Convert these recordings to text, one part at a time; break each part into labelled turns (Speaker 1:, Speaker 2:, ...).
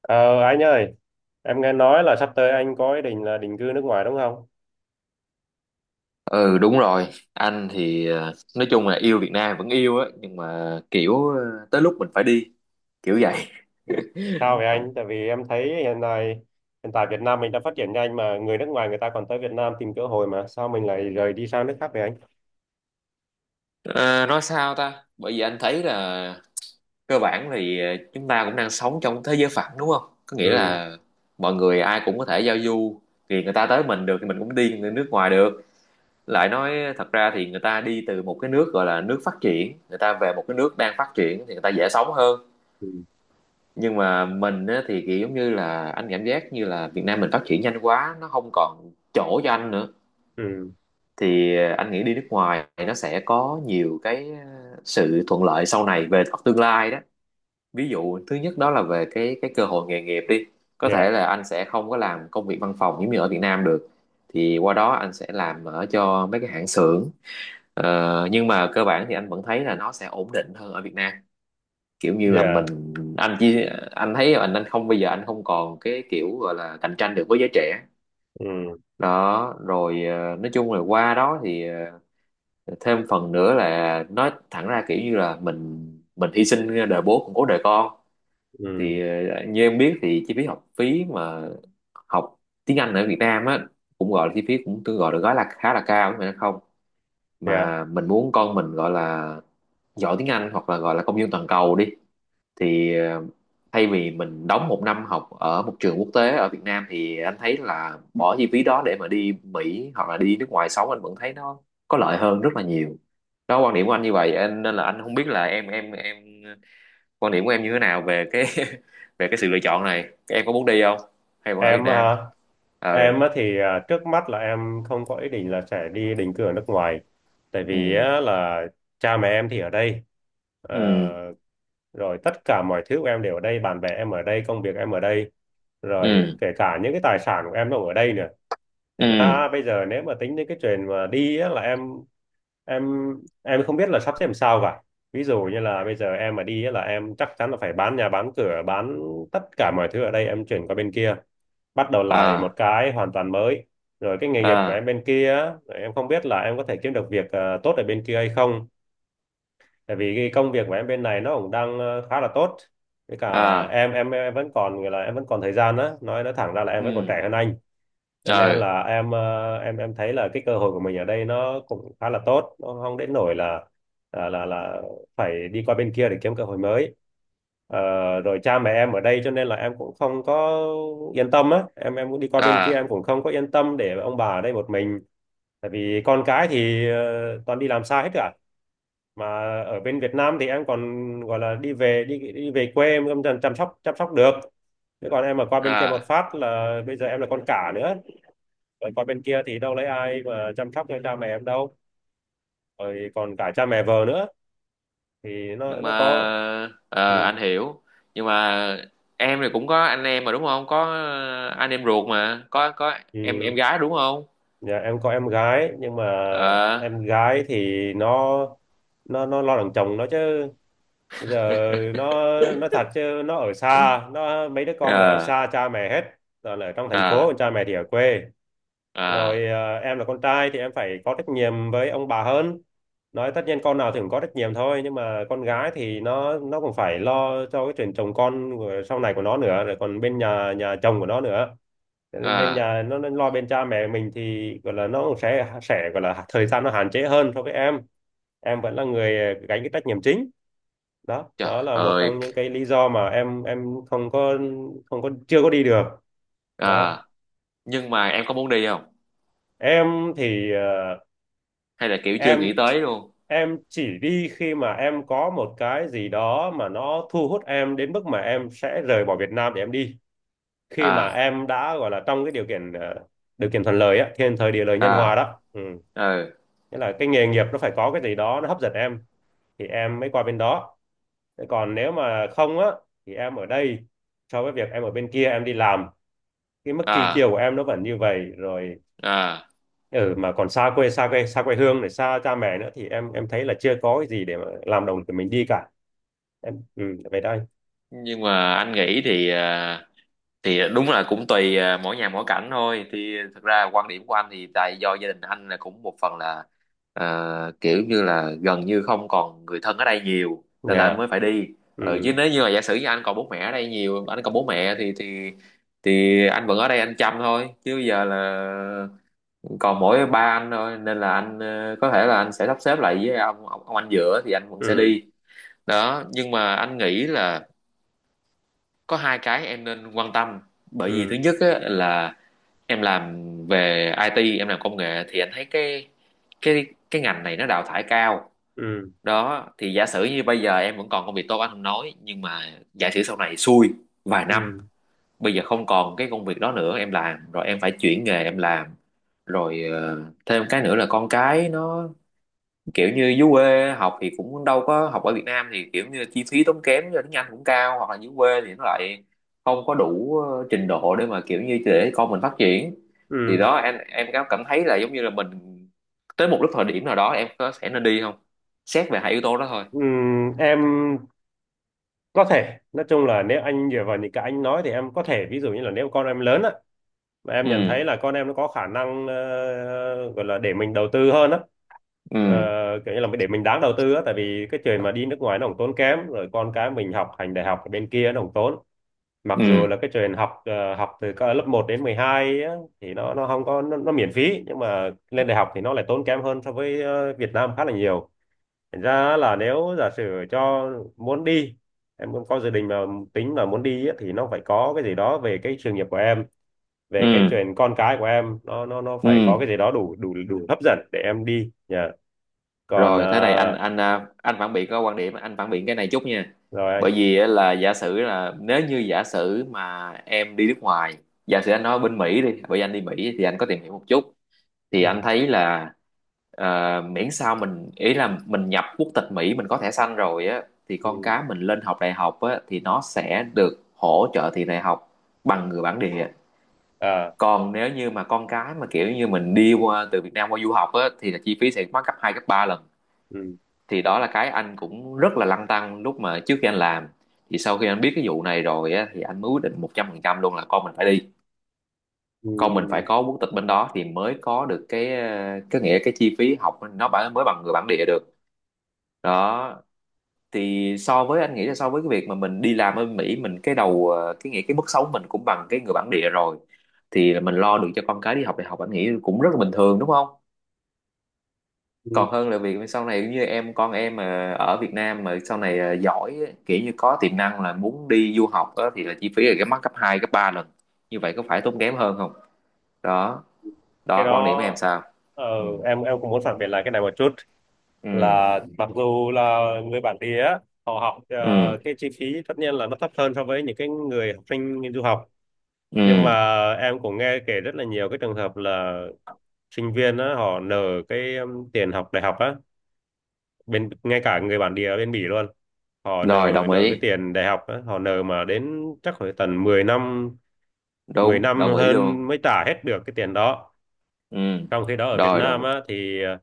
Speaker 1: Ờ, anh ơi, em nghe nói là sắp tới anh có ý định là định cư nước ngoài đúng không?
Speaker 2: Ừ, đúng rồi. Anh thì nói chung là yêu Việt Nam vẫn yêu á, nhưng mà kiểu tới lúc mình phải đi, kiểu vậy.
Speaker 1: Sao vậy anh? Tại vì em thấy hiện tại Việt Nam mình đã phát triển nhanh mà người nước ngoài người ta còn tới Việt Nam tìm cơ hội mà sao mình lại rời đi sang nước khác vậy anh?
Speaker 2: Ờ, nói sao ta, bởi vì anh thấy là cơ bản thì chúng ta cũng đang sống trong thế giới phẳng, đúng không? Có nghĩa
Speaker 1: Ừ,
Speaker 2: là mọi người ai cũng có thể giao du, thì người ta tới mình được thì mình cũng đi người nước ngoài được. Lại nói thật ra thì người ta đi từ một cái nước gọi là nước phát triển, người ta về một cái nước đang phát triển thì người ta dễ sống hơn.
Speaker 1: ừ,
Speaker 2: Nhưng mà mình á, thì kiểu giống như là anh cảm giác như là Việt Nam mình phát triển nhanh quá, nó không còn chỗ cho anh nữa.
Speaker 1: ừ,
Speaker 2: Thì anh nghĩ đi nước ngoài nó sẽ có nhiều cái sự thuận lợi sau này về mặt tương lai đó. Ví dụ thứ nhất đó là về cái cơ hội nghề nghiệp đi. Có
Speaker 1: dạ,
Speaker 2: thể là anh sẽ không có làm công việc văn phòng giống như ở Việt Nam được, thì qua đó anh sẽ làm ở cho mấy cái hãng xưởng. Nhưng mà cơ bản thì anh vẫn thấy là nó sẽ ổn định hơn ở Việt Nam, kiểu như là mình.
Speaker 1: dạ,
Speaker 2: Anh chỉ, anh thấy anh không, bây giờ anh không còn cái kiểu gọi là cạnh tranh được với giới trẻ
Speaker 1: ừ,
Speaker 2: đó. Rồi nói chung là qua đó thì ờ, thêm phần nữa là nói thẳng ra kiểu như là mình hy sinh đời bố cũng cố đời con. Thì
Speaker 1: ừ,
Speaker 2: như em biết thì chi phí học phí mà học tiếng Anh ở Việt Nam á, cũng gọi là chi phí cũng tương gọi được gói là khá là cao, đúng không?
Speaker 1: dạ.
Speaker 2: Mà mình muốn con mình gọi là giỏi tiếng Anh, hoặc là gọi là công dân toàn cầu đi, thì thay vì mình đóng một năm học ở một trường quốc tế ở Việt Nam, thì anh thấy là bỏ chi phí đó để mà đi Mỹ hoặc là đi nước ngoài sống anh vẫn thấy nó có lợi hơn rất là nhiều. Đó, quan điểm của anh như vậy anh, nên là anh không biết là em quan điểm của em như thế nào về cái về cái sự lựa chọn này. Em có muốn đi không, hay vẫn ở Việt
Speaker 1: Em á
Speaker 2: Nam?
Speaker 1: hả?
Speaker 2: Ờ.
Speaker 1: Em á thì trước mắt là em không có ý định là sẽ đi định cư ở nước ngoài, tại vì
Speaker 2: Ừ.
Speaker 1: á, là cha mẹ em thì ở đây. Ờ,
Speaker 2: Ừ.
Speaker 1: Rồi tất cả mọi thứ của em đều ở đây, bạn bè em ở đây, công việc em ở đây, rồi
Speaker 2: Ừ.
Speaker 1: kể cả những cái tài sản của em nó cũng ở đây nữa. Thật
Speaker 2: Ừ.
Speaker 1: ra bây giờ nếu mà tính đến cái chuyện mà đi á, là em em không biết là sắp xếp làm sao cả. Ví dụ như là bây giờ em mà đi á, là em chắc chắn là phải bán nhà bán cửa bán tất cả mọi thứ ở đây, em chuyển qua bên kia, bắt đầu lại một
Speaker 2: À.
Speaker 1: cái hoàn toàn mới. Rồi cái nghề nghiệp của em
Speaker 2: À.
Speaker 1: bên kia á, em không biết là em có thể kiếm được việc tốt ở bên kia hay không, tại vì cái công việc của em bên này nó cũng đang khá là tốt. Với cả
Speaker 2: À.
Speaker 1: em vẫn còn gọi là em vẫn còn thời gian á, nói thẳng ra là em vẫn còn
Speaker 2: Ừ.
Speaker 1: trẻ hơn anh. Cho nên
Speaker 2: Ờ.
Speaker 1: là em thấy là cái cơ hội của mình ở đây nó cũng khá là tốt, nó không đến nỗi là là phải đi qua bên kia để kiếm cơ hội mới. Ờ, Rồi cha mẹ em ở đây cho nên là em cũng không có yên tâm á, em cũng đi qua bên kia
Speaker 2: À.
Speaker 1: em cũng không có yên tâm để ông bà ở đây một mình, tại vì con cái thì toàn đi làm xa hết cả, mà ở bên Việt Nam thì em còn gọi là đi về đi đi về quê em chăm chăm sóc được. Thế còn em mà qua bên kia một
Speaker 2: À.
Speaker 1: phát là bây giờ em là con cả nữa, rồi còn bên kia thì đâu lấy ai mà chăm sóc cho cha mẹ em đâu. Rồi còn cả cha mẹ vợ nữa, thì nó
Speaker 2: Nhưng mà
Speaker 1: nó có. Ừ.
Speaker 2: anh hiểu. Nhưng mà em thì cũng có anh em mà đúng không, có anh em ruột mà, có em
Speaker 1: Ừ.
Speaker 2: gái đúng không?
Speaker 1: Dạ, em có em gái nhưng mà
Speaker 2: Ờ.
Speaker 1: em gái thì nó lo đằng chồng nó chứ. Bây giờ nó nó thật chứ, nó ở xa, nó mấy đứa con ở
Speaker 2: Ờ.
Speaker 1: xa cha mẹ hết, rồi là ở trong thành phố
Speaker 2: Ờ.
Speaker 1: còn cha mẹ thì ở quê.
Speaker 2: Ờ.
Speaker 1: Rồi em là con trai thì em phải có trách nhiệm với ông bà hơn, nói tất nhiên con nào thì cũng có trách nhiệm thôi, nhưng mà con gái thì nó cũng phải lo cho cái chuyện chồng con của- sau này của nó nữa, rồi còn bên nhà nhà chồng của nó nữa. Cho nên bên
Speaker 2: Ờ.
Speaker 1: nhà nó lo bên cha mẹ mình thì gọi là nó cũng sẽ gọi là thời gian nó hạn chế hơn so với em. Em vẫn là người gánh cái trách nhiệm chính, đó đó
Speaker 2: Trời
Speaker 1: là một
Speaker 2: ơi!
Speaker 1: trong những cái lý do mà em không có không có chưa có đi được
Speaker 2: Ờ.
Speaker 1: đó.
Speaker 2: Nhưng mà em có muốn đi không,
Speaker 1: em thì ờ,
Speaker 2: hay là kiểu chưa
Speaker 1: em
Speaker 2: nghĩ tới luôn?
Speaker 1: em chỉ đi khi mà em có một cái gì đó mà nó thu hút em đến mức mà em sẽ rời bỏ Việt Nam để em đi, khi mà
Speaker 2: À.
Speaker 1: em đã gọi là trong cái điều kiện thuận lợi á, thiên thời địa lợi nhân hòa
Speaker 2: À.
Speaker 1: đó. Ừ.
Speaker 2: Ừ.
Speaker 1: Nghĩa là cái nghề nghiệp nó phải có cái gì đó nó hấp dẫn em thì em mới qua bên đó. Thế còn nếu mà không á thì em ở đây, so với việc em ở bên kia em đi làm, cái mức chi tiêu
Speaker 2: À.
Speaker 1: của em nó vẫn như vậy rồi.
Speaker 2: À.
Speaker 1: Ừ, mà còn xa quê xa quê hương này xa cha mẹ nữa, thì em thấy là chưa có cái gì để mà làm đồng của mình đi cả. Em ừ, về đây.
Speaker 2: Nhưng mà anh nghĩ thì thì đúng là cũng tùy à, mỗi nhà mỗi cảnh thôi, thì thực ra quan điểm của anh thì tại do gia đình anh là cũng một phần là kiểu như là gần như không còn người thân ở đây nhiều, nên là anh
Speaker 1: Dạ,
Speaker 2: mới phải đi. Chứ
Speaker 1: ừ,
Speaker 2: nếu như là giả sử như anh còn bố mẹ ở đây nhiều, anh còn bố mẹ thì thì anh vẫn ở đây anh chăm thôi. Chứ bây giờ là còn mỗi ba anh thôi, nên là anh có thể là anh sẽ sắp xếp lại với ông anh giữa, thì anh vẫn sẽ
Speaker 1: ừ,
Speaker 2: đi đó. Nhưng mà anh nghĩ là có hai cái em nên quan tâm. Bởi vì thứ
Speaker 1: ừ,
Speaker 2: nhất á, là em làm về IT, em làm công nghệ thì anh thấy cái ngành này nó đào thải cao
Speaker 1: ừ,
Speaker 2: đó. Thì giả sử như bây giờ em vẫn còn công việc tốt anh không nói, nhưng mà giả sử sau này xui vài năm,
Speaker 1: ừ,
Speaker 2: bây giờ không còn cái công việc đó nữa em làm, rồi em phải chuyển nghề em làm. Rồi thêm cái nữa là con cái nó kiểu như dưới quê học thì cũng đâu có học ở Việt Nam, thì kiểu như chi phí tốn kém như tiếng Anh cũng cao, hoặc là dưới quê thì nó lại không có đủ trình độ để mà kiểu như để con mình phát triển. Thì
Speaker 1: ừ.
Speaker 2: đó, em có cảm thấy là giống như là mình tới một lúc thời điểm nào đó em có sẽ nên đi không? Xét về hai yếu tố đó thôi.
Speaker 1: Ừ, em có thể nói chung là nếu anh dựa vào những cái anh nói thì em có thể ví dụ như là nếu con em lớn á, mà em nhận
Speaker 2: Ừ.
Speaker 1: thấy là con em nó có khả năng gọi là để mình đầu tư hơn á,
Speaker 2: Ừ.
Speaker 1: ờ, kiểu như là để mình đáng đầu tư á, tại vì cái chuyện mà đi nước ngoài nó cũng tốn kém, rồi con cái mình học hành đại học ở bên kia nó cũng tốn. Mặc dù
Speaker 2: Ừ.
Speaker 1: là cái chuyện học từ cỡ lớp một đến 12 á, thì nó không có nó miễn phí, nhưng mà lên đại học thì nó lại tốn kém hơn so với Việt Nam khá là nhiều. Thành ra là nếu giả sử cho muốn đi, em cũng có dự định mà tính mà muốn đi á, thì nó phải có cái gì đó về cái sự nghiệp của em, về cái
Speaker 2: Ừ.
Speaker 1: chuyện con cái của em nó
Speaker 2: Ừ.
Speaker 1: phải có cái gì đó đủ đủ đủ hấp dẫn để em đi nhờ. Còn
Speaker 2: Rồi thế này anh, anh phản biện, có quan điểm anh phản biện cái này chút nha.
Speaker 1: rồi anh.
Speaker 2: Bởi vì á, là giả sử là nếu như giả sử mà em đi nước ngoài, giả sử anh nói bên Mỹ đi, bởi vì anh đi Mỹ thì anh có tìm hiểu một chút, thì
Speaker 1: Ừ,
Speaker 2: anh thấy là miễn sao mình ý là mình nhập quốc tịch Mỹ, mình có thẻ xanh rồi á, thì con
Speaker 1: ừ,
Speaker 2: cái mình lên học đại học á thì nó sẽ được hỗ trợ tiền đại học bằng người bản địa.
Speaker 1: à,
Speaker 2: Còn nếu như mà con cái mà kiểu như mình đi qua từ Việt Nam qua du học á, thì là chi phí sẽ mắc gấp hai gấp ba lần.
Speaker 1: ừ,
Speaker 2: Thì đó là cái anh cũng rất là lăn tăn lúc mà trước khi anh làm, thì sau khi anh biết cái vụ này rồi á, thì anh mới quyết định 100% luôn là con mình phải đi,
Speaker 1: ừ,
Speaker 2: con mình phải có quốc tịch bên đó thì mới có được cái cái nghĩa cái chi phí học mới bằng người bản địa được đó. Thì so với anh nghĩ là so với cái việc mà mình đi làm ở Mỹ, mình cái đầu cái nghĩa cái mức sống mình cũng bằng cái người bản địa rồi, thì mình lo được cho con cái đi học đại học anh nghĩ cũng rất là bình thường đúng không?
Speaker 1: ừ.
Speaker 2: Còn hơn là việc sau này như em, con em mà ở Việt Nam mà sau này giỏi á, kiểu như có tiềm năng là muốn đi du học á, thì là chi phí là cái mắc gấp 2 gấp 3 lần, như vậy có phải tốn kém hơn không? Đó,
Speaker 1: Cái
Speaker 2: đó quan điểm của em
Speaker 1: đó
Speaker 2: sao?
Speaker 1: ờ,
Speaker 2: Ừ.
Speaker 1: em cũng muốn phản biện lại cái này một chút,
Speaker 2: Ừ.
Speaker 1: là mặc dù là người bản địa á, họ
Speaker 2: Ừ.
Speaker 1: cái chi phí tất nhiên là nó thấp hơn so với những cái người học sinh du học,
Speaker 2: Ừ.
Speaker 1: nhưng mà em cũng nghe kể rất là nhiều cái trường hợp là sinh viên á, họ nợ cái tiền học đại học á, bên ngay cả người bản địa ở bên Bỉ luôn họ
Speaker 2: Rồi,
Speaker 1: nợ,
Speaker 2: đồng
Speaker 1: nợ cái
Speaker 2: ý.
Speaker 1: tiền đại học á, họ nợ mà đến chắc phải tận 10 năm, 10
Speaker 2: Đúng,
Speaker 1: năm
Speaker 2: đồng ý luôn.
Speaker 1: hơn mới trả hết được cái tiền đó.
Speaker 2: Ừ,
Speaker 1: Trong khi đó ở Việt
Speaker 2: rồi đồng
Speaker 1: Nam
Speaker 2: ý.
Speaker 1: á thì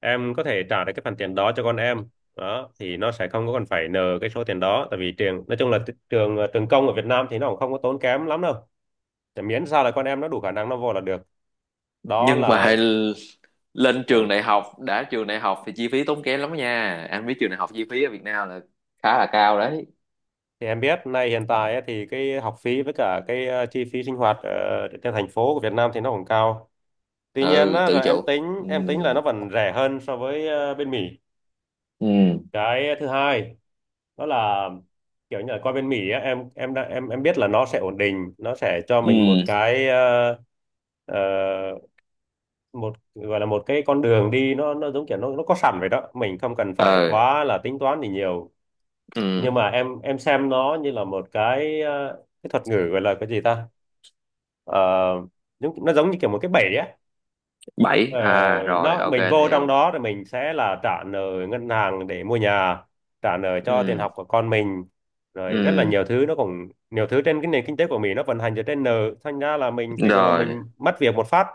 Speaker 1: em có thể trả được cái phần tiền đó cho con em. Đó thì nó sẽ không có cần phải nợ cái số tiền đó, tại vì trường nói chung là trường công ở Việt Nam thì nó cũng không có tốn kém lắm đâu. Thì miễn sao là con em nó đủ khả năng nó vô là được. Đó
Speaker 2: Nhưng mà
Speaker 1: là
Speaker 2: lên
Speaker 1: ờ,
Speaker 2: trường đại học đã, trường đại học thì chi phí tốn kém lắm nha, anh biết trường đại học chi phí ở Việt Nam là khá là cao đấy.
Speaker 1: thì em biết nay hiện tại á, thì cái học phí với cả cái chi phí sinh hoạt ở trên thành phố của Việt Nam thì nó cũng cao. Tuy nhiên
Speaker 2: Ừ,
Speaker 1: á,
Speaker 2: tự
Speaker 1: là em
Speaker 2: chủ.
Speaker 1: tính
Speaker 2: Ừ.
Speaker 1: em tính là nó vẫn rẻ hơn so với bên Mỹ.
Speaker 2: Ừ.
Speaker 1: Cái thứ hai đó là, kiểu như là qua bên Mỹ á, em đã em biết là nó sẽ ổn định, nó sẽ cho mình một
Speaker 2: Ừ.
Speaker 1: cái ờ, một gọi là một cái con đường đi, nó giống kiểu nó có sẵn vậy đó, mình không cần phải
Speaker 2: Ờ.
Speaker 1: quá là tính toán gì nhiều. Nhưng
Speaker 2: Ừ,
Speaker 1: mà em xem nó như là một cái cái thuật ngữ gọi là cái gì ta. Ờ, Giống nó giống như kiểu một cái bẫy á.
Speaker 2: bảy
Speaker 1: Ờ,
Speaker 2: à, rồi
Speaker 1: nó
Speaker 2: ok
Speaker 1: mình
Speaker 2: anh
Speaker 1: vô trong
Speaker 2: hiểu.
Speaker 1: đó rồi mình sẽ là trả nợ ngân hàng để mua nhà, trả nợ cho tiền
Speaker 2: Ừ.
Speaker 1: học của con mình, rồi rất là
Speaker 2: Ừ.
Speaker 1: nhiều thứ, nó cũng nhiều thứ trên cái nền kinh tế của mình nó vận hành dựa trên nợ, thành ra là mình bây giờ mà
Speaker 2: Rồi.
Speaker 1: mình mất việc một phát,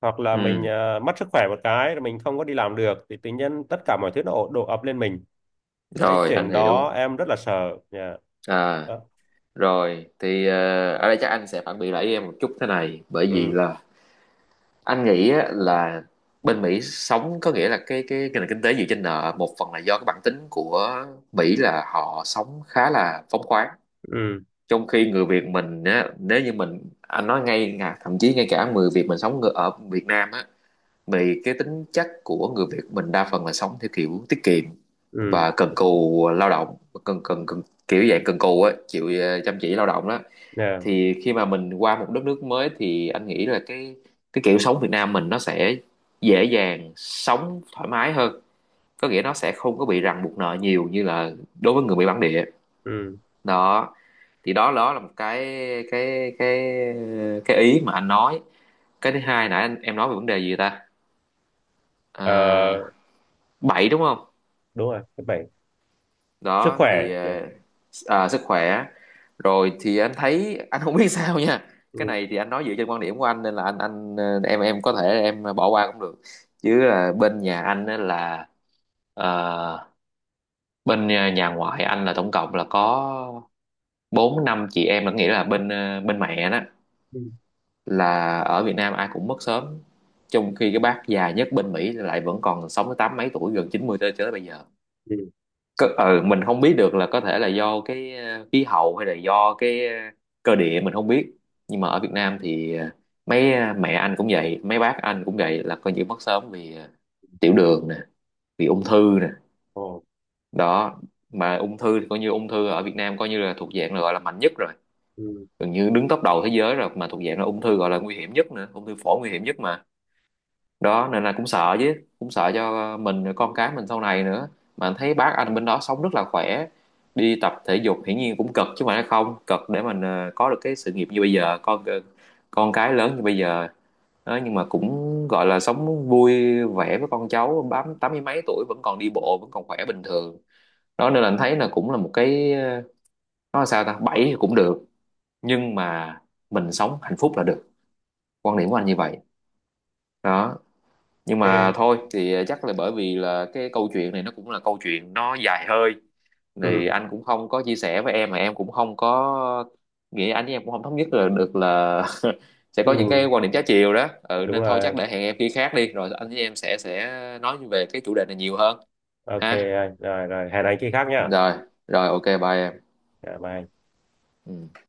Speaker 1: hoặc là mình
Speaker 2: Ừ,
Speaker 1: mất sức khỏe một cái rồi mình không có đi làm được thì tự nhiên tất cả mọi thứ nó đổ ập lên mình. Cái
Speaker 2: rồi anh
Speaker 1: chuyện đó
Speaker 2: hiểu.
Speaker 1: em rất là sợ nha.
Speaker 2: À.
Speaker 1: Đó.
Speaker 2: Rồi thì ở đây chắc anh sẽ phản biện lại với em một chút thế này, bởi vì
Speaker 1: Ừ,
Speaker 2: là anh nghĩ á, là bên Mỹ sống có nghĩa là cái nền kinh tế dựa trên nợ, một phần là do cái bản tính của Mỹ là họ sống khá là phóng khoáng.
Speaker 1: ừ,
Speaker 2: Trong khi người Việt mình á, nếu như mình anh nói ngay, thậm chí ngay cả người Việt mình sống ở Việt Nam á, vì cái tính chất của người Việt mình đa phần là sống theo kiểu tiết kiệm
Speaker 1: ừ,
Speaker 2: và cần cù lao động, cần cần, cần kiểu dạng cần cù ấy, chịu chăm chỉ lao động đó.
Speaker 1: yeah.
Speaker 2: Thì khi mà mình qua một đất nước mới thì anh nghĩ là cái kiểu sống Việt Nam mình nó sẽ dễ dàng sống thoải mái hơn, có nghĩa nó sẽ không có bị ràng buộc nợ nhiều như là đối với người Mỹ bản địa
Speaker 1: Ừ.
Speaker 2: đó. Thì đó, đó là một cái cái cái ý mà anh nói. Cái thứ hai nãy anh, em nói về vấn đề gì ta?
Speaker 1: Ờ,
Speaker 2: à, 7 đúng không?
Speaker 1: Đúng rồi thứ bảy. Sức
Speaker 2: Đó thì
Speaker 1: khỏe. Yeah.
Speaker 2: sức khỏe. Rồi thì anh thấy anh không biết sao nha.
Speaker 1: Ừ,
Speaker 2: Cái này thì anh nói dựa trên quan điểm của anh, nên là anh em có thể em bỏ qua cũng được. Chứ là bên nhà anh á là ờ, bên nhà nhà ngoại anh là tổng cộng là có 4 năm chị em, là nghĩa là bên bên mẹ đó,
Speaker 1: ừ,
Speaker 2: là ở Việt Nam ai cũng mất sớm. Trong khi cái bác già nhất bên Mỹ lại vẫn còn sống tới 80 mấy tuổi, gần 90, tới tới bây giờ.
Speaker 1: ừ.
Speaker 2: Cơ, ừ, mình không biết được là có thể là do cái khí hậu, hay là do cái cơ địa mình không biết. Nhưng mà ở Việt Nam thì mẹ anh cũng vậy, mấy bác anh cũng vậy, là coi như mất sớm vì tiểu đường nè, vì ung thư nè.
Speaker 1: Ồ.
Speaker 2: Đó, mà ung thư thì coi như ung thư ở Việt Nam coi như là thuộc dạng là gọi là mạnh nhất rồi,
Speaker 1: Ừ,
Speaker 2: gần như đứng top đầu thế giới rồi, mà thuộc dạng là ung thư gọi là nguy hiểm nhất nữa, ung thư phổi nguy hiểm nhất mà. Đó nên là cũng sợ chứ, cũng sợ cho mình rồi con cái mình sau này nữa. Mà anh thấy bác anh bên đó sống rất là khỏe, đi tập thể dục hiển nhiên cũng cực chứ, mà nó không cực để mình có được cái sự nghiệp như bây giờ, con cái lớn như bây giờ đó. Nhưng mà cũng gọi là sống vui vẻ với con cháu, bám 80 mấy tuổi vẫn còn đi bộ, vẫn còn khỏe bình thường đó. Nên là anh thấy là cũng là một cái nói sao ta, bảy thì cũng được, nhưng mà mình sống hạnh phúc là được. Quan điểm của anh như vậy đó. Nhưng mà
Speaker 1: ok.
Speaker 2: thôi, thì chắc là bởi vì là cái câu chuyện này nó cũng là câu chuyện nó dài hơi, thì
Speaker 1: Ừ,
Speaker 2: anh cũng không có chia sẻ với em, mà em cũng không có nghĩ anh với em cũng không thống nhất là được, là sẽ có những cái
Speaker 1: ừ,
Speaker 2: quan điểm trái chiều đó. Ừ,
Speaker 1: đúng
Speaker 2: nên thôi chắc
Speaker 1: rồi.
Speaker 2: để hẹn em khi khác đi, rồi anh với em sẽ nói về cái chủ đề này nhiều hơn.
Speaker 1: OK
Speaker 2: Ha.
Speaker 1: anh. Rồi rồi hẹn anh khi khác nhá.
Speaker 2: Rồi. Rồi, ok, bye em.
Speaker 1: Dạ, bye.
Speaker 2: Ừ.